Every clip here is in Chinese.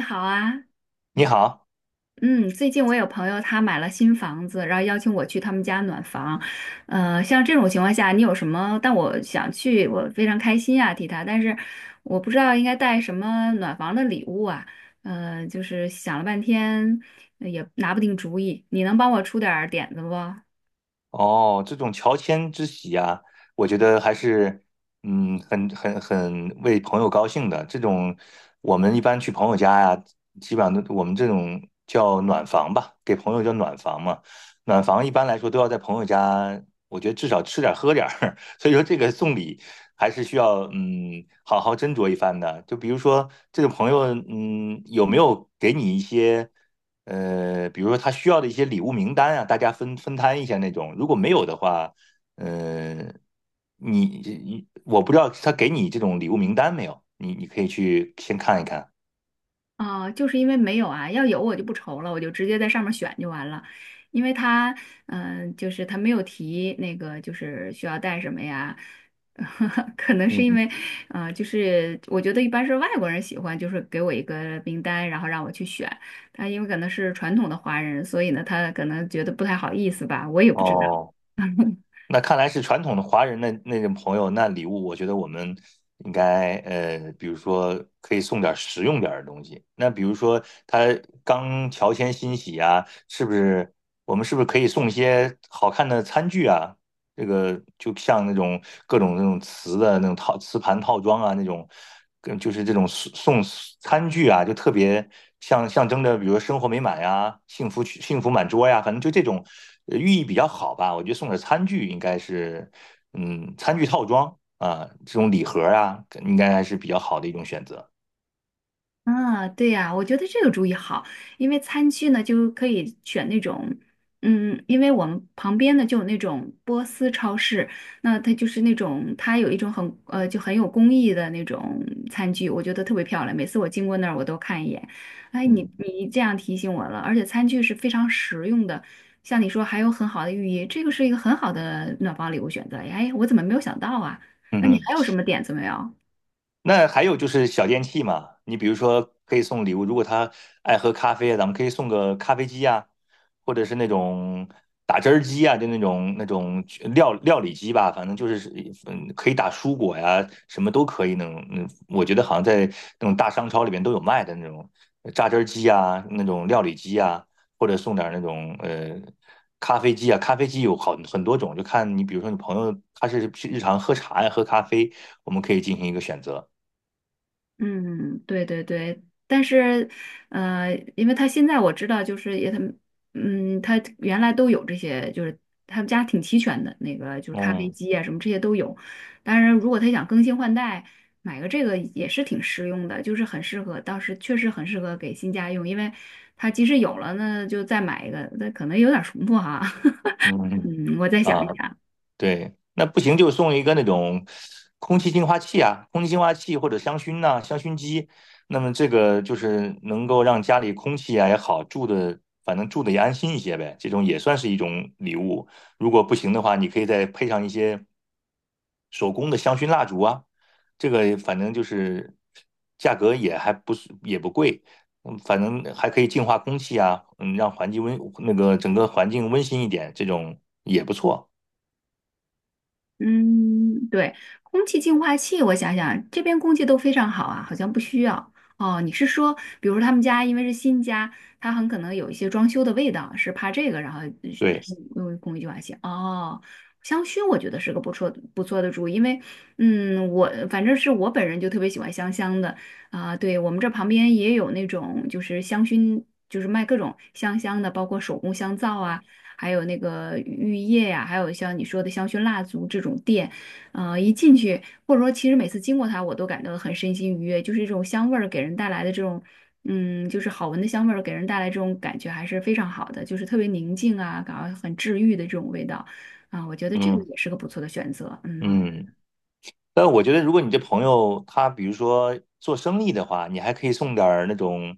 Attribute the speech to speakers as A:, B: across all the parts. A: 你好啊。
B: 你好。
A: 嗯，最近我有朋友他买了新房子，然后邀请我去他们家暖房，像这种情况下，你有什么？但我想去，我非常开心啊，替他，但是我不知道应该带什么暖房的礼物啊。就是想了半天，也拿不定主意，你能帮我出点儿点子不？
B: 哦，这种乔迁之喜啊，我觉得还是，嗯，很为朋友高兴的。这种我们一般去朋友家呀、基本上都我们这种叫暖房吧，给朋友叫暖房嘛。暖房一般来说都要在朋友家，我觉得至少吃点儿喝点儿。所以说这个送礼还是需要，嗯，好好斟酌一番的。就比如说这个朋友，嗯，有没有给你一些？比如说他需要的一些礼物名单啊，大家分摊一下那种。如果没有的话，呃，你我不知道他给你这种礼物名单没有，你可以去先看一看。
A: 啊，就是因为没有啊，要有我就不愁了，我就直接在上面选就完了。因为他，嗯、就是他没有提那个，就是需要带什么呀？可能是因
B: 嗯，
A: 为，就是我觉得一般是外国人喜欢，就是给我一个名单，然后让我去选。他因为可能是传统的华人，所以呢，他可能觉得不太好意思吧，我也不知道。
B: 哦，那看来是传统的华人的那种朋友，那礼物我觉得我们应该比如说可以送点实用点的东西。那比如说他刚乔迁新喜啊，是不是我们是不是可以送一些好看的餐具啊？这个就像那种各种那种瓷的那种套瓷盘套装啊，那种跟就是这种送餐具啊，就特别像象征着，比如说生活美满呀、幸福满桌呀，反正就这种寓意比较好吧。我觉得送点餐具应该是，嗯，餐具套装啊，这种礼盒啊，应该还是比较好的一种选择。
A: 啊，对呀，我觉得这个主意好，因为餐具呢就可以选那种，嗯，因为我们旁边呢就有那种波斯超市，那它就是那种它有一种很就很有工艺的那种餐具，我觉得特别漂亮，每次我经过那儿我都看一眼。哎，你
B: 嗯。
A: 你这样提醒我了，而且餐具是非常实用的，像你说还有很好的寓意，这个是一个很好的暖房礼物选择。哎，我怎么没有想到啊？
B: 嗯
A: 那你
B: 哼。
A: 还有什么点子没有？
B: 那还有就是小电器嘛，你比如说可以送礼物，如果他爱喝咖啡啊咱们可以送个咖啡机呀，或者是那种打汁儿机呀，就那种那种料理机吧，反正就是嗯，可以打蔬果呀，什么都可以那种。嗯，我觉得好像在那种大商超里面都有卖的那种榨汁儿机呀，那种料理机呀，或者送点儿那种咖啡机啊，咖啡机有好很多种，就看你比如说你朋友他是日常喝茶呀，喝咖啡，我们可以进行一个选择。
A: 嗯，对对对，但是，因为他现在我知道，就是也他们，嗯，他原来都有这些，就是他们家挺齐全的，那个就是咖啡
B: 嗯。
A: 机啊什么这些都有。当然，如果他想更新换代，买个这个也是挺实用的，就是很适合，当时确实很适合给新家用，因为他即使有了呢，就再买一个，那可能有点重复哈。
B: 嗯。嗯。
A: 嗯，我再想一
B: 啊，
A: 想。
B: 对，那不行就送一个那种空气净化器啊，空气净化器或者香薰呐、香薰机。那么这个就是能够让家里空气啊也好，住的反正住的也安心一些呗。这种也算是一种礼物。如果不行的话，你可以再配上一些。手工的香薰蜡烛啊，这个反正就是价格也还不是也不贵，嗯，反正还可以净化空气啊，嗯，让环境温那个整个环境温馨一点，这种也不错。
A: 嗯，对，空气净化器，我想想，这边空气都非常好啊，好像不需要。哦，你是说，比如说他们家因为是新家，他很可能有一些装修的味道，是怕这个，然后
B: 对。
A: 用空气净化器。哦，香薰我觉得是个不错不错的主意，因为嗯，我反正是我本人就特别喜欢香香的啊。对，我们这旁边也有那种就是香薰。就是卖各种香香的，包括手工香皂啊，还有那个浴液呀、还有像你说的香薰蜡烛这种店，一进去或者说其实每次经过它，我都感到很身心愉悦，就是这种香味儿给人带来的这种。嗯，就是好闻的香味儿给人带来这种感觉还是非常好的，就是特别宁静啊，感到很治愈的这种味道啊，我觉得这个
B: 嗯。
A: 也是个不错的选择。嗯。
B: 嗯。但我觉得，如果你这朋友他比如说做生意的话，你还可以送点儿那种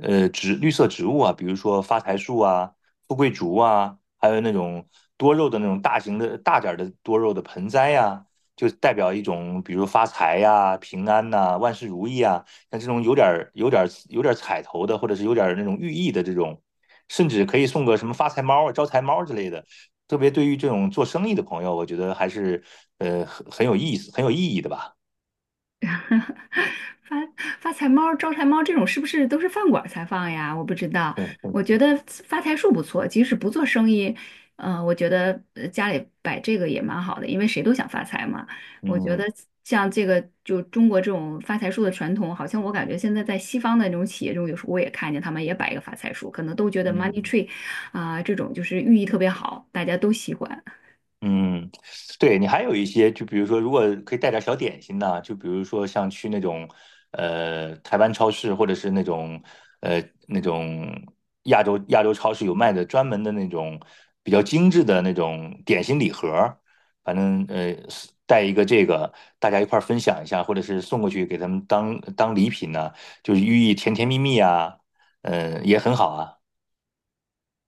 B: 植绿色植物啊，比如说发财树啊、富贵竹啊，还有那种多肉的那种大型的大点儿的多肉的盆栽呀、就代表一种比如发财呀、平安呐、万事如意啊，像这种有点儿彩头的，或者是有点儿那种寓意的这种，甚至可以送个什么发财猫啊、招财猫之类的。特别对于这种做生意的朋友，我觉得还是很有意思、很有意义的吧。
A: 发发财猫、招财猫这种是不是都是饭馆儿才放呀？我不知道。
B: 嗯。
A: 我觉
B: 嗯。
A: 得发财树不错，即使不做生意，我觉得家里摆这个也蛮好的，因为谁都想发财嘛。我觉得
B: 嗯。
A: 像这个就中国这种发财树的传统，好像我感觉现在在西方的那种企业中，有时候我也看见他们也摆一个发财树，可能都觉得 money
B: 嗯。
A: tree 啊、这种就是寓意特别好，大家都喜欢。
B: 嗯，对你还有一些，就比如说，如果可以带点小点心呢，就比如说像去那种台湾超市，或者是那种呃那种亚洲超市有卖的专门的那种比较精致的那种点心礼盒儿，反正是带一个这个，大家一块儿分享一下，或者是送过去给他们当当礼品呢，就是寓意甜甜蜜蜜啊，嗯、也很好啊。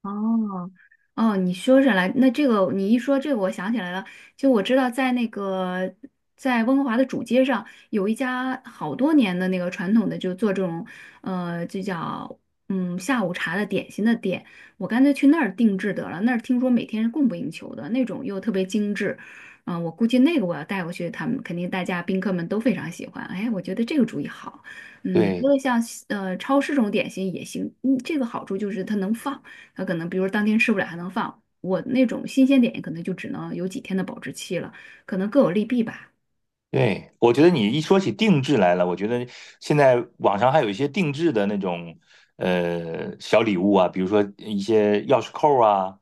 A: 哦。哦，你说起来，那这个你一说这个，我想起来了。就我知道，在那个在温哥华的主街上，有一家好多年的那个传统的，就做这种就叫嗯下午茶的点心的店。我干脆去那儿定制得了，那儿听说每天是供不应求的，那种又特别精致。嗯、我估计那个我要带过去，他们肯定大家宾客们都非常喜欢。哎，我觉得这个主意好。嗯，你
B: 对。
A: 说的像超市这种点心也行，嗯，这个好处就是它能放。它可能比如当天吃不了还能放。我那种新鲜点可能就只能有几天的保质期了，可能各有利弊吧。
B: 对，我觉得你一说起定制来了，我觉得现在网上还有一些定制的那种小礼物啊，比如说一些钥匙扣啊、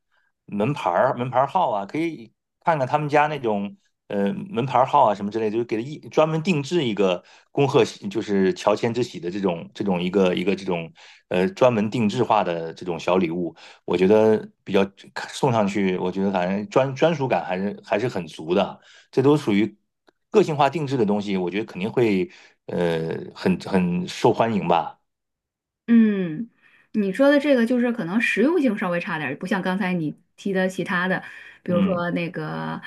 B: 门牌儿、门牌儿号啊，可以看看他们家那种门牌儿号啊什么之类的，就给他一专门定制一个恭贺喜，就是乔迁之喜的这种这种一个这种专门定制化的这种小礼物，我觉得比较送上去，我觉得反正专属感还是还是很足的。这都属于个性化定制的东西，我觉得肯定会很受欢迎吧。
A: 嗯，你说的这个就是可能实用性稍微差点儿，不像刚才你提的其他的，比如
B: 嗯。
A: 说那个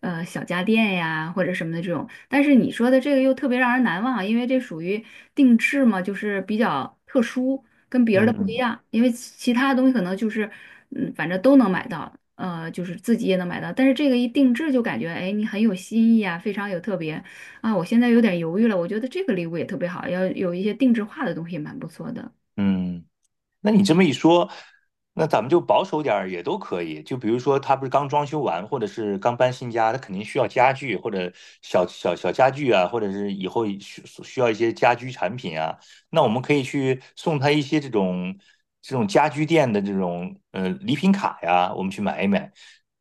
A: 小家电呀或者什么的这种。但是你说的这个又特别让人难忘啊，因为这属于定制嘛，就是比较特殊，跟别人的不一
B: 嗯。
A: 样。因为其他的东西可能就是嗯，反正都能买到，就是自己也能买到。但是这个一定制就感觉哎，你很有新意啊，非常有特别啊。我现在有点犹豫了，我觉得这个礼物也特别好，要有一些定制化的东西也蛮不错的。
B: 嗯，那你这么一说，那咱们就保守点儿也都可以。就比如说，他不是刚装修完，或者是刚搬新家，他肯定需要家具或者小家具啊，或者是以后需要一些家居产品啊。那我们可以去送他一些这种这种家居店的这种礼品卡呀，我们去买一买，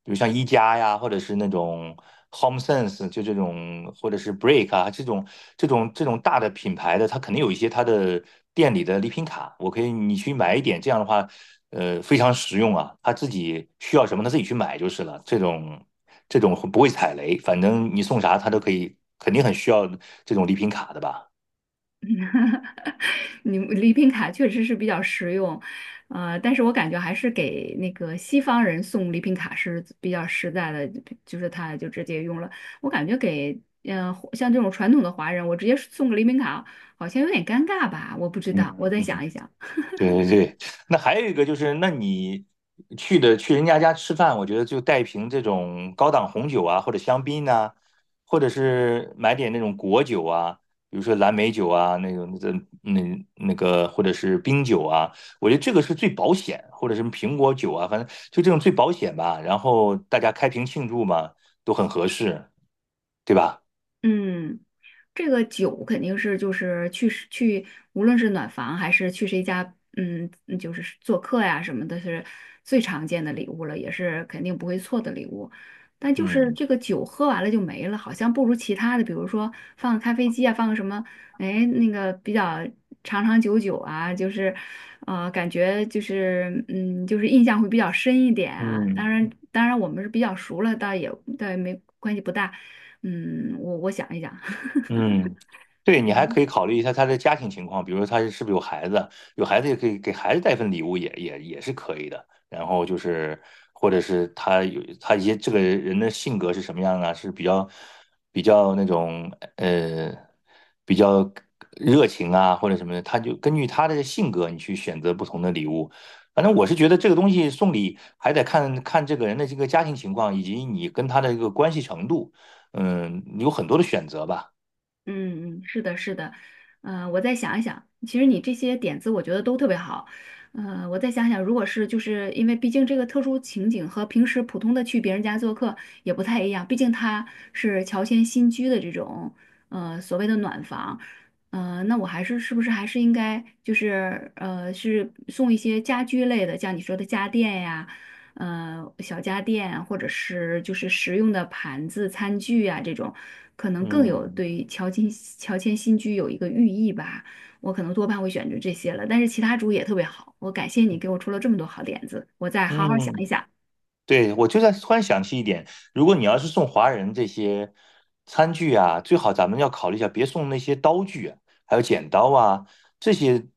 B: 比如像一加呀，或者是那种 HomeSense,就这种或者是 Break 啊这种这种这种大的品牌的，它肯定有一些它的店里的礼品卡，我可以你去买一点，这样的话，呃，非常实用啊，他自己需要什么他自己去买就是了，这种这种不会踩雷，反正你送啥他都可以，肯定很需要这种礼品卡的吧。
A: 哈哈，你礼品卡确实是比较实用，但是我感觉还是给那个西方人送礼品卡是比较实在的，就是他就直接用了。我感觉给嗯，像这种传统的华人，我直接送个礼品卡好像有点尴尬吧，我不知
B: 嗯。
A: 道，我再
B: 嗯。
A: 想一想。
B: 对 对对，那还有一个就是，那你去的去人家家吃饭，我觉得就带瓶这种高档红酒啊，或者香槟呐、或者是买点那种果酒啊，比如说蓝莓酒啊，那种那个那那个，或者是冰酒啊，我觉得这个是最保险，或者什么苹果酒啊，反正就这种最保险吧。然后大家开瓶庆祝嘛，都很合适，对吧？
A: 嗯。这个酒肯定是就是去谁去，无论是暖房还是去谁家，嗯，嗯就是做客呀什么的，是最常见的礼物了，也是肯定不会错的礼物。但就是
B: 嗯。
A: 这个酒喝完了就没了，好像不如其他的，比如说放个咖啡机啊，放个什么，哎，那个比较长长久久啊，就是，感觉就是，嗯，就是印象会比较深一点啊。当
B: 嗯。
A: 然，当然我们是比较熟了，倒也没关系不大。嗯，我想一想。
B: 嗯，对，你还可以考虑一下他的家庭情况，比如说他是不是有孩子，有孩子也可以给孩子带份礼物也，也也是可以的。然后就是，或者是他有他一些这个人的性格是什么样啊？是比较那种呃比较热情啊，或者什么的，他就根据他的性格，你去选择不同的礼物。反正我是觉得这个东西送礼还得看看这个人的这个家庭情况，以及你跟他的一个关系程度。嗯，有很多的选择吧。
A: 嗯嗯，是的，是的，我再想一想，其实你这些点子我觉得都特别好，我再想想，如果是就是因为毕竟这个特殊情景和平时普通的去别人家做客也不太一样，毕竟它是乔迁新居的这种所谓的暖房，那我还是是不是还是应该就是是送一些家居类的，像你说的家电呀。呃小家电，或者是就是实用的盘子、餐具啊这种，可能更有
B: 嗯。
A: 对乔迁新居有一个寓意吧。我可能多半会选择这些了，但是其他主意也特别好。我感谢你给我出了这么多好点子，我再好好想一
B: 嗯，
A: 想。
B: 对，我就在突然想起一点，如果你要是送华人这些餐具啊，最好咱们要考虑一下，别送那些刀具啊，还有剪刀啊这些，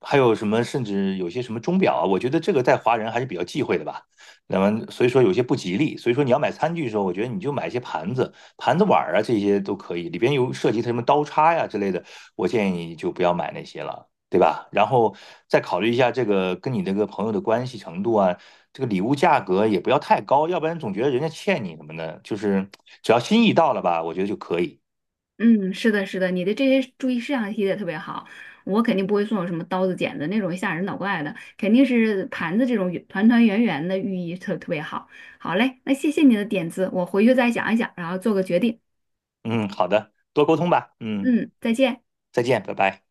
B: 还有什么甚至有些什么钟表啊，我觉得这个在华人还是比较忌讳的吧。那么所以说有些不吉利，所以说你要买餐具的时候，我觉得你就买一些盘子、盘子碗儿啊这些都可以，里边有涉及它什么刀叉呀、之类的，我建议你就不要买那些了。对吧？然后再考虑一下这个跟你这个朋友的关系程度啊，这个礼物价格也不要太高，要不然总觉得人家欠你什么的。就是只要心意到了吧，我觉得就可以。
A: 嗯，是的，是的，你的这些注意事项提的特别好。我肯定不会送有什么刀子、剪子那种吓人脑怪的，肯定是盘子这种团团圆圆的，寓意特别好。好嘞，那谢谢你的点子，我回去再想一想，然后做个决定。
B: 嗯，好的，多沟通吧。嗯，
A: 嗯，再见。
B: 再见，拜拜。